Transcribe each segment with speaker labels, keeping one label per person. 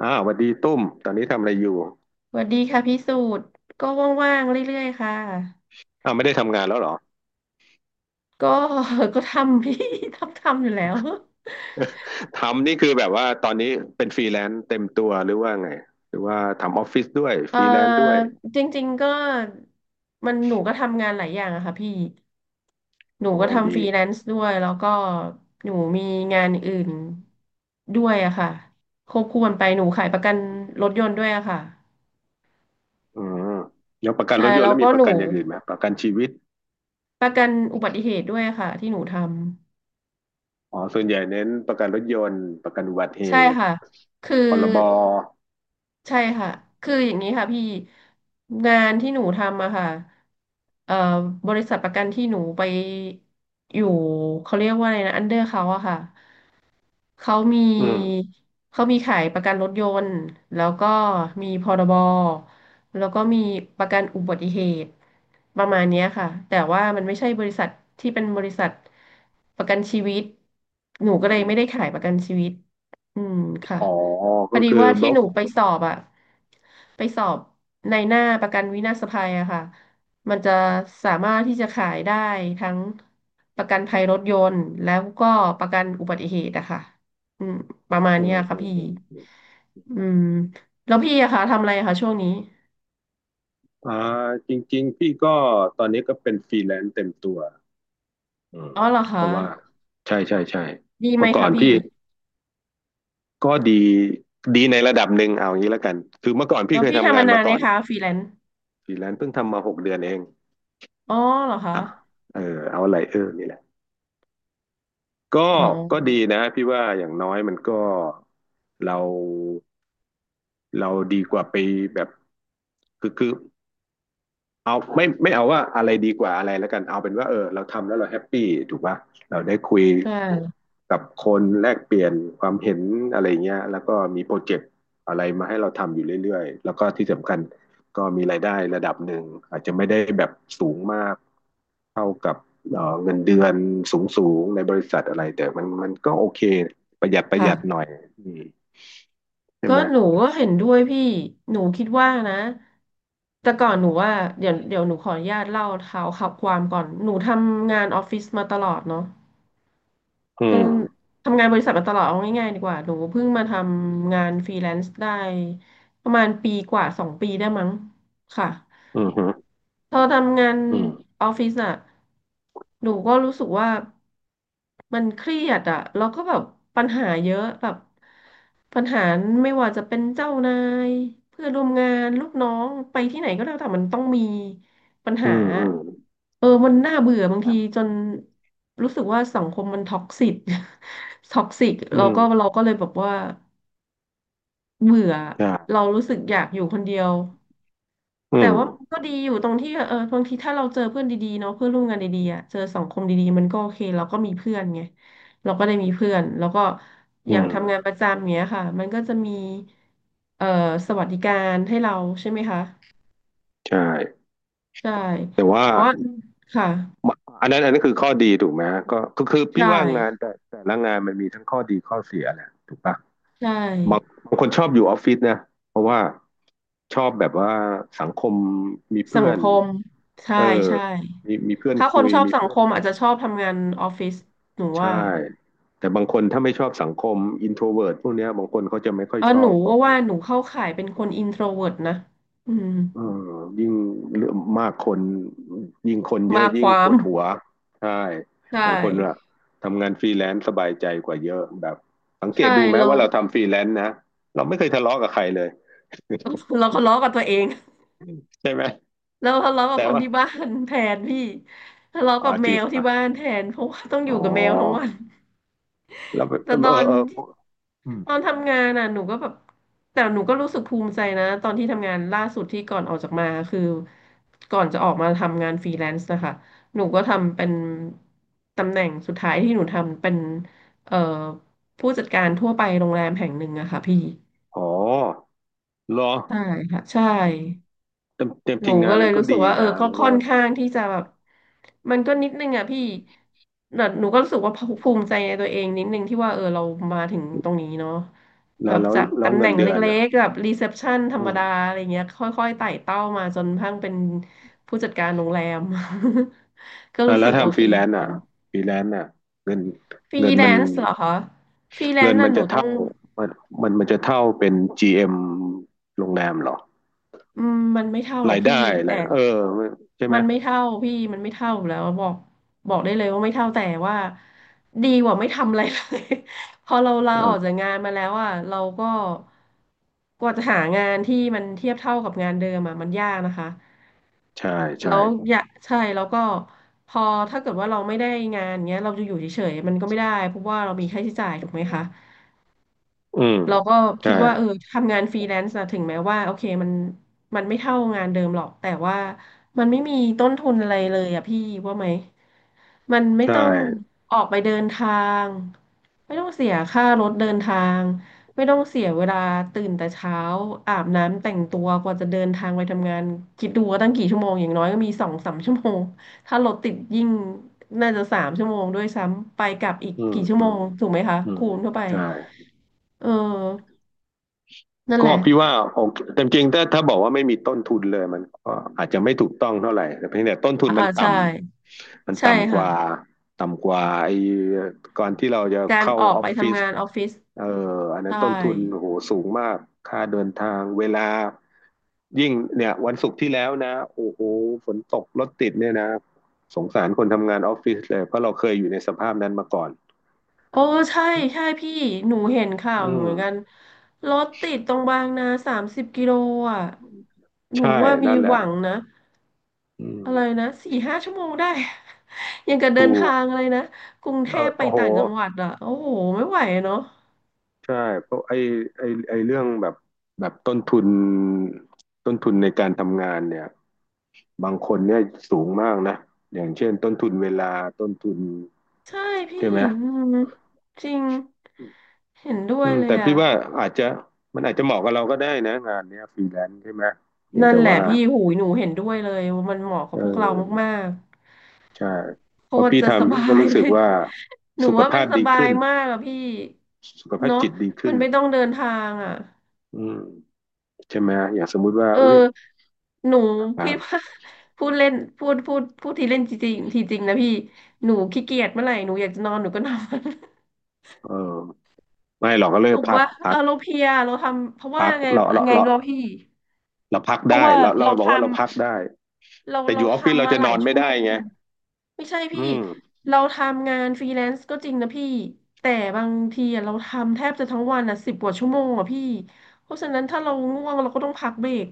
Speaker 1: อ่าสวัสดีตุ้มตอนนี้ทำอะไรอยู่
Speaker 2: สวัสดีค่ะพี่สูตรก็ว่างๆเรื่อยๆค่ะ
Speaker 1: อ้าวไม่ได้ทำงานแล้วเหรอ
Speaker 2: ก็ ก็ทำพี่ ทำอยู่แล้ว
Speaker 1: ทำนี่คือแบบว่าตอนนี้เป็นฟรีแลนซ์เต็มตัวหรือว่าไงหรือว่าทำออฟฟิศด้วย
Speaker 2: เอ
Speaker 1: ฟ
Speaker 2: อ
Speaker 1: รีแลนซ์ด้วย
Speaker 2: จริงๆก็มันหนูก็ทำงานหลายอย่างอะค่ะพี่หนู
Speaker 1: โอ้
Speaker 2: ก็ทำ
Speaker 1: ดี
Speaker 2: ฟรีแลนซ์ด้วยแล้วก็หนูมีงานอื่นด้วยอะค่ะควบคู่กันไปหนูขายประกันรถยนต์ด้วยอะค่ะ
Speaker 1: อืมแล้วประกัน
Speaker 2: ใช่
Speaker 1: รถยนต์
Speaker 2: แล้
Speaker 1: แล้
Speaker 2: ว
Speaker 1: วมี
Speaker 2: ก็
Speaker 1: ป
Speaker 2: ห
Speaker 1: ระ
Speaker 2: นู
Speaker 1: กันอย่างอื่นไหมประกันชีวิต
Speaker 2: ประกันอุบัติเหตุด้วยอะค่ะที่หนูทำ
Speaker 1: อ๋อส่วนใหญ่เน้นประกันรถยนต์ประกันอุบัติเห
Speaker 2: ใช่
Speaker 1: ตุ
Speaker 2: ค่ะคือ
Speaker 1: พรบ
Speaker 2: ใช่ค่ะ คืออย่างนี้ค่ะพี่งานที่หนูทำอะค่ะเอ่อบริษัทประกันที่หนูไปอยู่เขาเรียกว่าอะไรนะอันเดอร์เขาอะค่ะ เขามี
Speaker 1: อืม
Speaker 2: ขายประกันรถยนต์แล้วก็มีพรบแล้วก็มีประกันอุบัติเหตุประมาณเนี้ยค่ะแต่ว่ามันไม่ใช่บริษัทที่เป็นบริษัทประกันชีวิตหนูก็เลยไม่ได้ขายประกันชีวิตอืมค่ะ
Speaker 1: อ๋อ
Speaker 2: พ
Speaker 1: ก็
Speaker 2: อดี
Speaker 1: คือ
Speaker 2: ว่า
Speaker 1: บ
Speaker 2: ที่
Speaker 1: ล็อ
Speaker 2: ห
Speaker 1: ก
Speaker 2: นูไปสอบอะไปสอบในหน้าประกันวินาศภัยอะค่ะมันจะสามารถที่จะขายได้ทั้งประกันภัยรถยนต์แล้วก็ประกันอุบัติเหตุอะค่ะ อืมประมาณ
Speaker 1: อื
Speaker 2: เนี้
Speaker 1: ม
Speaker 2: ย
Speaker 1: อื
Speaker 2: ค่ะ
Speaker 1: ม
Speaker 2: พี่
Speaker 1: อืมอม
Speaker 2: อืมแล้วพี่อะคะทำอะไรอะคะช่วงนี้
Speaker 1: อ่าจริงๆพี่ก็ตอนนี้ก็เป็นฟรีแลนซ์เต็มตัวอืม
Speaker 2: อ๋อเหรอ
Speaker 1: เพ
Speaker 2: คะ
Speaker 1: ราะว่าใช่ใช่ใช่
Speaker 2: ดีไห
Speaker 1: เมื่
Speaker 2: ม
Speaker 1: อก่อ
Speaker 2: คะ
Speaker 1: น
Speaker 2: พี่
Speaker 1: พี่ ก็ดีดีในระดับหนึ่งเอาอย่างนี้แล้วกันคือเมื่อก่อนพี่
Speaker 2: แล้ว
Speaker 1: เคย
Speaker 2: พี่
Speaker 1: ทำ
Speaker 2: ทำ
Speaker 1: งา
Speaker 2: มา
Speaker 1: น
Speaker 2: นา
Speaker 1: มา
Speaker 2: น
Speaker 1: ก่
Speaker 2: เนี่
Speaker 1: อ
Speaker 2: ย
Speaker 1: น
Speaker 2: คะฟรีแลนซ์
Speaker 1: ฟรีแลนซ์เพิ่งทำมาหกเดือนเอง
Speaker 2: อ๋อเหรอคะ
Speaker 1: อ่ะเออเอาอะไรเออนี่แหละก็
Speaker 2: อ๋อ
Speaker 1: ก็ดีนะพี่ว่าอย่างน้อยมันก็เราเราดีกว่าไปแบบคือ เอาไม่เอาว่าอะไรดีกว่าอะไรแล้วกันเอาเป็นว่าเออเราทำแล้วเราแฮปปี้ถูกป่ะเราได้คุย
Speaker 2: ใช่
Speaker 1: กับคนแลกเปลี่ยนความเห็นอะไรเงี้ยแล้วก็มีโปรเจกต์อะไรมาให้เราทำอยู่เรื่อยๆแล้วก็ที่สำคัญก็มีรายได้ระดับหนึ่งอาจจะไม่ได้แบบสูงมากเท่ากับเงินเดือนสูงๆในบริษัทอะไรแต่มันก็โอเคประหยัดประหยัด
Speaker 2: ค่ะ
Speaker 1: หน่อยอืมใช่
Speaker 2: ก็
Speaker 1: ไหม
Speaker 2: หนูก็เห็นด้วยพี่หนูคิดว่านะแต่ก่อนหนูว่าเดี๋ยวหนูขออนุญาตเล่าเท้าความก่อนหนูทำงานออฟฟิศมาตลอดเนาะ
Speaker 1: อื
Speaker 2: เอน
Speaker 1: ม
Speaker 2: ทำงานบริษัทมาตลอดเอาง่ายๆดีกว่าหนูเพิ่งมาทำงานฟรีแลนซ์ได้ประมาณปีกว่าสองปีได้มั้งค่ะ
Speaker 1: อืมฮึ
Speaker 2: พอทำงาน
Speaker 1: อืม
Speaker 2: ออฟฟิศอะหนูก็รู้สึกว่ามันเครียดอะแล้วก็แบบปัญหาเยอะแบบปัญหาไม่ว่าจะเป็นเจ้านายเพื่อนร่วมงานลูกน้องไปที่ไหนก็แล้วแต่มันต้องมีปัญ
Speaker 1: อื
Speaker 2: หา
Speaker 1: มอืม
Speaker 2: เออมันน่าเบื่อบาง
Speaker 1: ครั
Speaker 2: ที
Speaker 1: บ
Speaker 2: จนรู้สึกว่าสังคมมันท็อกซิก ท็อกซิก
Speaker 1: อื
Speaker 2: เรา
Speaker 1: ม
Speaker 2: ก็เราก็เลยแบบว่าเบื่อ
Speaker 1: ใช่
Speaker 2: เรารู้สึกอยากอยู่คนเดียว
Speaker 1: อื
Speaker 2: แต่
Speaker 1: ม
Speaker 2: ว่ามันก็ดีอยู่ตรงที่เออบางทีถ้าเราเจอเพื่อนดีๆเนาะเพื่อนร่วมงานดีๆอ่ะเจอสังคมดีๆมันก็โอเคเราก็มีเพื่อนไงเราก็ได้มีเพื่อนแล้วก็
Speaker 1: อื
Speaker 2: อย่าง
Speaker 1: ม
Speaker 2: ทำงานประจำเงี้ยค่ะมันก็จะมีเอ่อสวัสดิการให้เราใช่ไหมคะ
Speaker 1: ใช่
Speaker 2: ใช่
Speaker 1: แต่ว่า
Speaker 2: แต่ว่าค่ะ
Speaker 1: อันนั้นอันนั้นคือข้อดีถูกไหมฮะก็ก็คือ
Speaker 2: ใช
Speaker 1: พี่ว่างาน
Speaker 2: ่
Speaker 1: แต่แต่ละงานมันมีทั้งข้อดีข้อเสียแหละถูกปะ
Speaker 2: ใช่
Speaker 1: บางบางคนชอบอยู่ออฟฟิศนะเพราะว่าชอบแบบว่าสังคมมี
Speaker 2: สั
Speaker 1: เพื่
Speaker 2: ง
Speaker 1: อน
Speaker 2: คมใช่
Speaker 1: เออ
Speaker 2: ใช่
Speaker 1: มีมีเพื่อน
Speaker 2: ถ้าค
Speaker 1: คุ
Speaker 2: น
Speaker 1: ย
Speaker 2: ชอบ
Speaker 1: มี
Speaker 2: สัง
Speaker 1: เพื่
Speaker 2: ค
Speaker 1: อน
Speaker 2: มอาจจะชอบทำงานออฟฟิศหนูว่า
Speaker 1: ใช่แต่บางคนถ้าไม่ชอบสังคมอินโทรเวิร์ตพวกเนี้ยบางคนเขาจะไม่ค่อย
Speaker 2: เออ
Speaker 1: ช
Speaker 2: ห
Speaker 1: อ
Speaker 2: นู
Speaker 1: บบอก
Speaker 2: ว่าหนูเข้าข่ายเป็นคนอินโทรเวิร์ตนะอืม
Speaker 1: อืมยิ่งเรื่องมากคนยิ่งคนเย
Speaker 2: มา
Speaker 1: อะ
Speaker 2: ค
Speaker 1: ยิ่ง
Speaker 2: วา
Speaker 1: ป
Speaker 2: ม
Speaker 1: วดหัวใช่
Speaker 2: ใช
Speaker 1: บางคนอะ
Speaker 2: ่
Speaker 1: ทำงานฟรีแลนซ์สบายใจกว่าเยอะแบบสังเก
Speaker 2: ใช่
Speaker 1: ตดูไหม
Speaker 2: เรา
Speaker 1: ว่าเราทำฟรีแลนซ์นะเราไม่เคยทะเลาะกับใครเลย
Speaker 2: เราก็ทะเลาะกับตัวเอง
Speaker 1: ใช่ไหม
Speaker 2: แล้วทะเลาะกั
Speaker 1: แต่
Speaker 2: บคน
Speaker 1: ว่า
Speaker 2: ที่บ้านแทนพี่ทะเลาะ
Speaker 1: อ่า
Speaker 2: กับ
Speaker 1: จ
Speaker 2: แม
Speaker 1: ริง
Speaker 2: ว
Speaker 1: ป่ะ
Speaker 2: ที่บ้านแทนเพราะว่าต้องอ
Speaker 1: อ๋อ
Speaker 2: ยู่กับแมวทั้งวัน
Speaker 1: แล้วแบบเอ
Speaker 2: แต่ตอ
Speaker 1: อ
Speaker 2: น
Speaker 1: เอออืม
Speaker 2: ตอนทำงานน่ะหนูก็แบบแต่หนูก็รู้สึกภูมิใจนะตอนที่ทำงานล่าสุดที่ก่อนออกจากมาคือก่อนจะออกมาทำงานฟรีแลนซ์นะคะหนูก็ทำเป็นตำแหน่งสุดท้ายที่หนูทำเป็นเอ่อผู้จัดการทั่วไปโรงแรมแห่งหนึ่งอะค่ะพี่
Speaker 1: อ๋อเหรอ
Speaker 2: ใช่ค่ะใช่
Speaker 1: เต็มเต็ม
Speaker 2: ห
Speaker 1: จริ
Speaker 2: นู
Speaker 1: งงา
Speaker 2: ก็
Speaker 1: น
Speaker 2: เล
Speaker 1: มั
Speaker 2: ย
Speaker 1: นก็
Speaker 2: รู้สึก
Speaker 1: ดี
Speaker 2: ว่าเออ
Speaker 1: นะ
Speaker 2: ก็
Speaker 1: แล้ว
Speaker 2: ค่
Speaker 1: ก็
Speaker 2: อนข้างที่จะแบบมันก็นิดนึงอ่ะพี่แต่หนูก็รู้สึกว่าภูมิใจในตัวเองนิดนึงที่ว่าเออเรามาถึงตรงนี้เนาะ
Speaker 1: แล้
Speaker 2: แบ
Speaker 1: ว
Speaker 2: บ
Speaker 1: แล้ว
Speaker 2: จาก
Speaker 1: แล้ว
Speaker 2: ตำแห
Speaker 1: เงิ
Speaker 2: น่
Speaker 1: น
Speaker 2: ง
Speaker 1: เดือน
Speaker 2: เล็
Speaker 1: อ่ะ
Speaker 2: กๆแบบรีเซพชันธร
Speaker 1: อื
Speaker 2: รม
Speaker 1: ม
Speaker 2: ดาอะไรเงี้ยค่อยๆไต่เต้ามาจนพั่งเป็นผู้จัดการโรงแรม ก็
Speaker 1: อ่ะ
Speaker 2: รู้
Speaker 1: แล้
Speaker 2: สึ
Speaker 1: ว
Speaker 2: กโอ
Speaker 1: ทำฟ
Speaker 2: เค
Speaker 1: รีแลน
Speaker 2: เหมือ
Speaker 1: ซ์
Speaker 2: น
Speaker 1: อ่ะ
Speaker 2: กัน
Speaker 1: ฟรีแลนซ์อ่ะเงิน
Speaker 2: ฟรี
Speaker 1: เงิน
Speaker 2: แล
Speaker 1: มัน
Speaker 2: นซ์เหรอคะฟรีแล
Speaker 1: เงิ
Speaker 2: น
Speaker 1: น
Speaker 2: ซ์
Speaker 1: มั
Speaker 2: น่ะ
Speaker 1: น
Speaker 2: หนู
Speaker 1: จะ
Speaker 2: ต้อ
Speaker 1: เท่า
Speaker 2: ง
Speaker 1: มันมันมันจะเท่าเป็น GM โรงแรมเหรอ
Speaker 2: อืมมันไม่เท่าหรอ
Speaker 1: รา
Speaker 2: ก
Speaker 1: ย
Speaker 2: พี่
Speaker 1: ได้อะไร
Speaker 2: แต่
Speaker 1: เออใช่ไหม
Speaker 2: มันไม่เท่ามันไม่เท่าอยู่แล้วบอกได้เลยว่าไม่เท่าแต่ว่าดีกว่าไม่ทำอะไรเลย พอเราลาออกจา
Speaker 1: เออ
Speaker 2: กงานมาแล้วอ่ะเราก็กว่าจะหางานที่มันเทียบเท่ากับงานเดิมอ่ะมันยากนะคะ
Speaker 1: ใช่ใช่
Speaker 2: แล้วอย่ากใช่แล้วก็พอถ้าเกิดว่าเราไม่ได้งานเงี้ยเราจะอยู่เฉยๆมันก็ไม่ได้เพราะว่าเรามีค่าใช้จ่ายถูกไหมคะ
Speaker 1: อืม
Speaker 2: เราก็คิ
Speaker 1: ใช่
Speaker 2: ดว่าเออทำงานฟรีแลนซ์อะถึงแม้ว่าโอเคมันไม่เท่างานเดิมหรอกแต่ว่ามันไม่มีต้นทุนอะไรเลยอะพี่ว่าไหมมันไม่
Speaker 1: ใช่
Speaker 2: ต้องออกไปเดินทางไม่ต้องเสียค่ารถเดินทางไม่ต้องเสียเวลาตื่นแต่เช้าอาบน้ำแต่งตัวกว่าจะเดินทางไปทำงานคิดดูว่าตั้งกี่ชั่วโมงอย่างน้อยก็มีสองสามชั่วโมงถ้ารถติดยิ่งน่าจะสามชั่วโมงด้วยซ้ำไปกลับอีก
Speaker 1: อืม
Speaker 2: กี่ชั่ว
Speaker 1: อื
Speaker 2: โม
Speaker 1: ม
Speaker 2: งถูกไหมคะ
Speaker 1: อืม
Speaker 2: คูณเข้าไป
Speaker 1: ใช่
Speaker 2: เออ นั่นแห
Speaker 1: ก็
Speaker 2: ละ
Speaker 1: พี่ว่าโอเคแต่จริงๆถ้าถ้าบอกว่าไม่มีต้นทุนเลยมันก็อาจจะไม่ถูกต้องเท่าไหร่แต่เพียงแต่ต้นทุน
Speaker 2: อ่า
Speaker 1: มันต่
Speaker 2: ใช่
Speaker 1: ำมัน
Speaker 2: ใช่
Speaker 1: ต่ำก
Speaker 2: ค่ะ
Speaker 1: ว่าต่ำกว่าไอ้ก่อนที่เราจะ
Speaker 2: การ
Speaker 1: เข้า
Speaker 2: ออก
Speaker 1: ออ
Speaker 2: ไป
Speaker 1: ฟฟิศ
Speaker 2: ทำงานออฟฟิศ
Speaker 1: เอ่ออันนั้น
Speaker 2: ใช่
Speaker 1: ต้นทุนโอ้โหสูงมากค่าเดินทางเวลายิ่งเนี่ยวันศุกร์ที่แล้วนะโอ้โหฝนตกรถติดเนี่ยนะสงสารคนทำงานออฟฟิศเลยเพราะเราเคยอยู่ในสภาพนั้นมาก่อน
Speaker 2: โอ้ใช่ใช่พี่หนูเห็นข่าว
Speaker 1: อื
Speaker 2: อยู่เหมือนกัน
Speaker 1: ม
Speaker 2: รถติดตรงบางนา30 กิโลอ่ะหนู
Speaker 1: ใช่
Speaker 2: ว่ามี
Speaker 1: นั่นแห
Speaker 2: ห
Speaker 1: ละ
Speaker 2: วังนะ
Speaker 1: อืม
Speaker 2: อะไรนะสี่ห้าชั่วโมงได้ ยังกับเดิ
Speaker 1: ถู
Speaker 2: น
Speaker 1: ก
Speaker 2: ทางอะไรนะกรุงเท
Speaker 1: เอ
Speaker 2: พ
Speaker 1: อ
Speaker 2: ไป
Speaker 1: โอ้โห
Speaker 2: ต่างจังหวัดอ่ะโอ้โหไม่ไหวเนาะ
Speaker 1: ใช่เพราะไอ้เรื่องแบบแบบต้นทุนต้นทุนในการทำงานเนี่ยบางคนเนี่ยสูงมากนะอย่างเช่นต้นทุนเวลาต้นทุน
Speaker 2: ใช่พี่
Speaker 1: ใช่ไหม
Speaker 2: อืมจริงเห็นด้ว
Speaker 1: อื
Speaker 2: ย
Speaker 1: ม
Speaker 2: เล
Speaker 1: แต่
Speaker 2: ย
Speaker 1: พี่
Speaker 2: อ่ะ
Speaker 1: ว่าอาจจะอาจจะเหมาะกับเราก็ได้นะงานเนี้ยฟรีแลนซ์ใช่ไหมเพียง
Speaker 2: นั่น
Speaker 1: แต่
Speaker 2: แหละ
Speaker 1: ว่า
Speaker 2: พี่หูยหนูเห็นด้วยเลยว่ามันเหมาะกั
Speaker 1: เอ
Speaker 2: บพวกเรา
Speaker 1: อ
Speaker 2: มากๆ
Speaker 1: ใช่
Speaker 2: โค
Speaker 1: พอ
Speaker 2: ตร
Speaker 1: พี่
Speaker 2: จะส
Speaker 1: ทำพี่
Speaker 2: บา
Speaker 1: ก็
Speaker 2: ย
Speaker 1: รู้
Speaker 2: เล
Speaker 1: สึก
Speaker 2: ย
Speaker 1: ว่า
Speaker 2: หนู
Speaker 1: สุข
Speaker 2: ว่ามั
Speaker 1: ภา
Speaker 2: น
Speaker 1: พ
Speaker 2: ส
Speaker 1: ดี
Speaker 2: บาย
Speaker 1: ขึ้น
Speaker 2: มากอะพี่
Speaker 1: สุขภาพ
Speaker 2: เนาะ
Speaker 1: จิตดี
Speaker 2: มั
Speaker 1: ขึ้น
Speaker 2: นไม่ต้องเดินทางอะ
Speaker 1: อืมใช่ไหมอย่างสมมุติว่า
Speaker 2: เอ
Speaker 1: อุ้ย
Speaker 2: อหนูคิดว่า
Speaker 1: อ่ะ
Speaker 2: พูดเล่นพูดพูดทีเล่นจริงทีจริงนะพี่หนูขี้เกียจเมื่อไหร่หนูอยากจะนอนหนูก็นอน
Speaker 1: เออไม่หรอกก็เลย
Speaker 2: ถูก
Speaker 1: พัก
Speaker 2: ว่า
Speaker 1: พั
Speaker 2: เออ
Speaker 1: ก
Speaker 2: เราเพลียเราทำเพราะว่า
Speaker 1: พัก
Speaker 2: ไง
Speaker 1: เราเรา
Speaker 2: ไง
Speaker 1: เรา
Speaker 2: เราพี่
Speaker 1: เราพัก
Speaker 2: เพราะ
Speaker 1: ได้
Speaker 2: ว่า
Speaker 1: เราเรา
Speaker 2: เรา
Speaker 1: บอ
Speaker 2: ท
Speaker 1: กว่าเราพักได้
Speaker 2: ำเรา
Speaker 1: แต่อ
Speaker 2: เรา
Speaker 1: ยู่ออฟฟิศเรา
Speaker 2: ทำมา
Speaker 1: จะ
Speaker 2: ห
Speaker 1: น
Speaker 2: ลา
Speaker 1: อ
Speaker 2: ย
Speaker 1: น
Speaker 2: ชั่
Speaker 1: ไม่
Speaker 2: วโม
Speaker 1: ได้
Speaker 2: ง
Speaker 1: ไง
Speaker 2: ไม่ใช่
Speaker 1: อื
Speaker 2: พี่
Speaker 1: ม
Speaker 2: เราทำงานฟรีแลนซ์ก็จริงนะพี่แต่บางทีอะเราทำแทบจะทั้งวันอ่ะสิบกว่าชั่วโมงอ่ะพี่เพราะฉะนั้นถ้าเราง่วงเราก็ต้องพักเบรก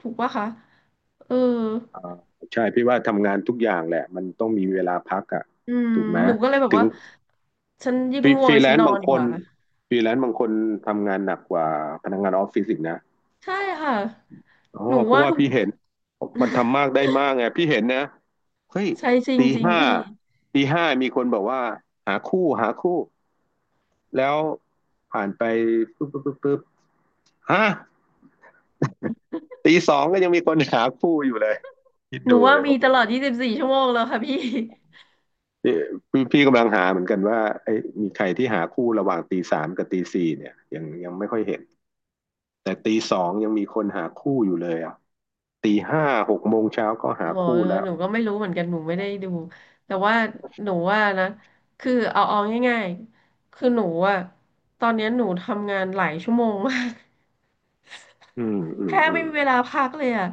Speaker 2: ถูกปะคะเออ
Speaker 1: อ่าใช่พี่ว่าทำงานทุกอย่างแหละมันต้องมีเวลาพักอ่ะ
Speaker 2: อืม
Speaker 1: ถูกไหม
Speaker 2: หนูก็เลยแบบ
Speaker 1: ถึง
Speaker 2: ว่าฉันยิ่
Speaker 1: ฟ
Speaker 2: ง
Speaker 1: รี
Speaker 2: ง่
Speaker 1: ฟ
Speaker 2: วง
Speaker 1: รีแล
Speaker 2: ฉัน
Speaker 1: น
Speaker 2: น
Speaker 1: ซ์
Speaker 2: อ
Speaker 1: บา
Speaker 2: น
Speaker 1: ง
Speaker 2: ดี
Speaker 1: ค
Speaker 2: ก
Speaker 1: น
Speaker 2: ว่า
Speaker 1: ฟรีแลนซ์บางคนทำงานหนักกว่าพนักงานออฟฟิศอีกนะ
Speaker 2: ใช่ค่ะ
Speaker 1: อ๋อ
Speaker 2: หนู
Speaker 1: เพราะ
Speaker 2: ว่า
Speaker 1: ว่า
Speaker 2: ทุก
Speaker 1: พี่เห็นมันทำมาก ได้มากไงพี่เห็นนะเฮ้ย
Speaker 2: ใช่จริง
Speaker 1: ตี
Speaker 2: จริง
Speaker 1: ห้า
Speaker 2: พี่
Speaker 1: ตีห้ามีคนบอกว่าหาคู่แล้วผ่านไปปุ๊บปุ๊บปุ๊บปุ๊บฮะ ตีสองก็ยังมีคนหาคู่อยู่เลยคิด
Speaker 2: หนู
Speaker 1: ดู
Speaker 2: ว่า
Speaker 1: เลย
Speaker 2: มี
Speaker 1: โอ้โห
Speaker 2: ตลอดยี่สิบสี4ชั่วโมงแล้วค่ะพี่
Speaker 1: นี่พี่กำลังหาเหมือนกันว่าไอ้ยมีใครที่หาคู่ระหว่างตีสามกับตีสี่เนี่ยยังไม่ค่อยเห็นแต่ตีสองยังมีคนหาคู่อยู่เลยอ่ะตีห้าหกโมงเช้าก็หา
Speaker 2: อ๋อ
Speaker 1: คู่แล้ว
Speaker 2: หนูก็ไม่รู้เหมือนกันหนูไม่ได้ดูแต่ว่าหนูว่านะคือเอาง่ายๆคือหนูอะตอนเนี้ยหนูทำงานหลายชั่วโมงมาก
Speaker 1: อืมอื
Speaker 2: แท
Speaker 1: ม
Speaker 2: บ
Speaker 1: อื
Speaker 2: ไม่
Speaker 1: ม
Speaker 2: มีเวลาพักเลยอะ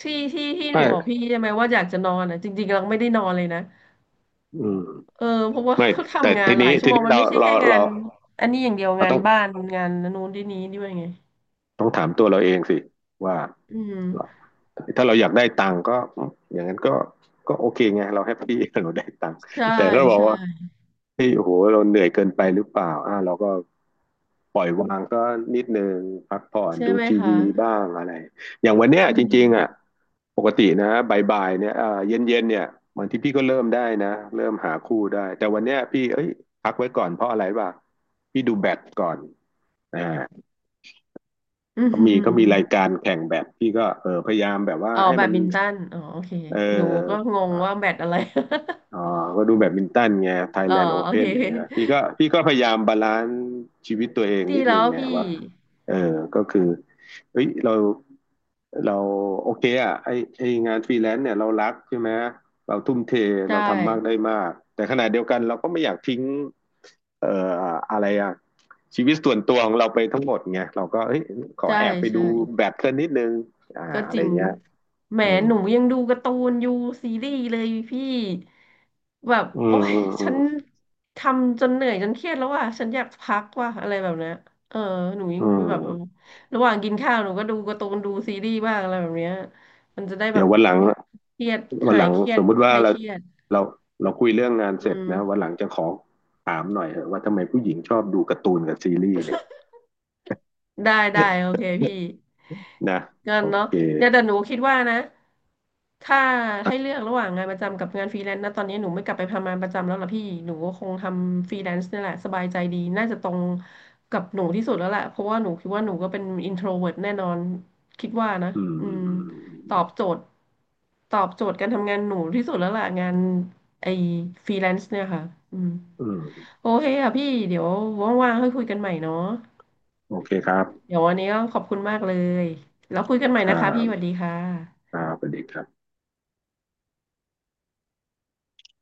Speaker 2: ที่หนูบอก
Speaker 1: ไม่
Speaker 2: พี่ใช่ไหมว่าอยากจะนอนอะจริงๆเราไม่ได้นอนเลยนะ
Speaker 1: อืม
Speaker 2: เออเพราะว่า
Speaker 1: ไม่ แต่
Speaker 2: ทำงา
Speaker 1: ที
Speaker 2: นหลา
Speaker 1: นี้
Speaker 2: ยชั่
Speaker 1: ที
Speaker 2: วโมง
Speaker 1: นี้
Speaker 2: มัน
Speaker 1: เรา
Speaker 2: ไม่ใช่
Speaker 1: เรา
Speaker 2: แค่งา
Speaker 1: เรา
Speaker 2: นอันนี้อย่างเดียว
Speaker 1: เรา
Speaker 2: งา
Speaker 1: ต้
Speaker 2: น
Speaker 1: อง
Speaker 2: บ้านงานนู้นที่นี้ด้วยไง
Speaker 1: ต้องถามตัวเราเองสิว่า
Speaker 2: อืม
Speaker 1: ถ้าเราอยากได้ตังค์ก็อย่างนั้นก็ก็โอเคไงเราแฮปปี้ เราได้ตังค์
Speaker 2: ใช่
Speaker 1: แต่ถ้าเราบอก
Speaker 2: ใช่
Speaker 1: ว่า เี่โอ้โหเราเหนื่อยเกินไปหรือเปล่าอ่าเราก็ปล่อยวางก็นิดนึงพักผ่อน
Speaker 2: ใช่
Speaker 1: ดู
Speaker 2: ไหม
Speaker 1: ที
Speaker 2: คะ
Speaker 1: วีบ้างอะไรอย่างวันเนี้
Speaker 2: จ
Speaker 1: ย
Speaker 2: ริ
Speaker 1: จ
Speaker 2: ง
Speaker 1: ริงๆอ่ะปกตินะบ่ายๆเนี่ยอ่าเย็นๆเนี่ยบางทีพี่ก็เริ่มได้นะเริ่มหาคู่ได้แต่วันเนี้ยพี่เอ้ยพักไว้ก่อนเพราะอะไรวะพี่ดูแบดก่อนอ่า
Speaker 2: อื
Speaker 1: เขามีราย
Speaker 2: ม
Speaker 1: การแข่งแบดพี่ก็เออพยายามแบบว่า
Speaker 2: อ๋อ
Speaker 1: ให้
Speaker 2: แบ
Speaker 1: มั
Speaker 2: ด
Speaker 1: น
Speaker 2: มินตันอ๋อโอเค
Speaker 1: เ
Speaker 2: หนูก็
Speaker 1: ออ
Speaker 2: งงว่าแบดอะไร
Speaker 1: อ๋อก็ดูแบดมินตันไงไทย
Speaker 2: อ๋อ
Speaker 1: แลนด์โอ
Speaker 2: โอ
Speaker 1: เพ่
Speaker 2: เค
Speaker 1: นอย่างเงี้ยพี่ก็พยายามบาลานซ์ชีวิตตัวเอง
Speaker 2: ตี
Speaker 1: นิดนึ
Speaker 2: แล้
Speaker 1: ง
Speaker 2: ว
Speaker 1: ไง
Speaker 2: พี่
Speaker 1: ว่าเออก็คือเฮ้ยเราโอเคอ่ะไอไองานฟรีแลนซ์เนี่ยเรารักใช่ไหมเราทุ่มเท
Speaker 2: ใช่
Speaker 1: เราทำมากได้มากแต่ขณะเดียวกันเราก็ไม่อยากทิ้งเอ่ออะไรอ่ะชีวิตส่วนตัวของเราไปทั้งหมดไงเราก็เอ้ยขอ
Speaker 2: ใช่
Speaker 1: แอบไป
Speaker 2: ใช่
Speaker 1: ดูแบดสักนิดนึง
Speaker 2: ก็
Speaker 1: อะ
Speaker 2: จ
Speaker 1: ไร
Speaker 2: ริง
Speaker 1: เงี้ย
Speaker 2: แหม
Speaker 1: อืม
Speaker 2: หนูยังดูการ์ตูนอยู่ซีรีส์เลยพี่แบบ
Speaker 1: อื
Speaker 2: โอ๊
Speaker 1: ม
Speaker 2: ย
Speaker 1: อืมอื
Speaker 2: ฉั
Speaker 1: ม
Speaker 2: นทำจนเหนื่อยจนเครียดแล้วว่ะฉันอยากพักว่ะอะไรแบบเนี้ยเออหนูยั
Speaker 1: อื
Speaker 2: งแบบ
Speaker 1: ม
Speaker 2: ระหว่างกินข้าวหนูก็ดูการ์ตูนดูซีรีส์บ้างอะไรแบบเนี้ยมันจะได้แบ
Speaker 1: เดี๋ยว
Speaker 2: บ
Speaker 1: วันหลัง
Speaker 2: เครียด
Speaker 1: วัน
Speaker 2: หา
Speaker 1: หลั
Speaker 2: ย
Speaker 1: ง
Speaker 2: เครีย
Speaker 1: ส
Speaker 2: ด
Speaker 1: มมุติ
Speaker 2: ค
Speaker 1: ว่า
Speaker 2: ลายเครียด
Speaker 1: เราเราคุยเรื่องงาน
Speaker 2: อื
Speaker 1: เสร็จ
Speaker 2: ม
Speaker 1: นะวันหลังจะขอถามหน่อยเถอะว่าทำไมผู้หญิงชอบดูการ์ตูนกับซีรีส์เนี่ย
Speaker 2: ได้ได้โอเคพี่
Speaker 1: นะ
Speaker 2: เงั้
Speaker 1: โอ
Speaker 2: นเนาะ
Speaker 1: เค
Speaker 2: เนี่ยแต่หนูคิดว่านะถ้าให้
Speaker 1: อะ
Speaker 2: เลือกระหว่างงานประจำกับงานฟรีแลนซ์นะตอนนี้หนูไม่กลับไปทำงานประจำแล้วล่ะพี่หนูก็คงทำฟรีแลนซ์นี่แหละสบายใจดีน่าจะตรงกับหนูที่สุดแล้วแหละเพราะว่าหนูคิดว่าหนูก็เป็นอินโทรเวิร์ตแน่นอนคิดว่านะ
Speaker 1: อืม
Speaker 2: อื
Speaker 1: อืม
Speaker 2: ม
Speaker 1: อืม
Speaker 2: ตอบโจทย์ตอบโจทย์การทำงานหนูที่สุดแล้วล่ะงานไอ้ฟรีแลนซ์เนี่ยค่ะอืม
Speaker 1: อืมอืม
Speaker 2: โอเคค่ะพี่เดี๋ยวว่างๆค่อยคุยกันใหม่เนาะ
Speaker 1: โอเคครับ
Speaker 2: เดี๋ยววันนี้ก็ขอบคุณมากเลยแล้วคุยกันใหม่
Speaker 1: ครั
Speaker 2: นะคะพี่สวัส
Speaker 1: บ
Speaker 2: ดีค่ะ
Speaker 1: ครับสวัสดีครับ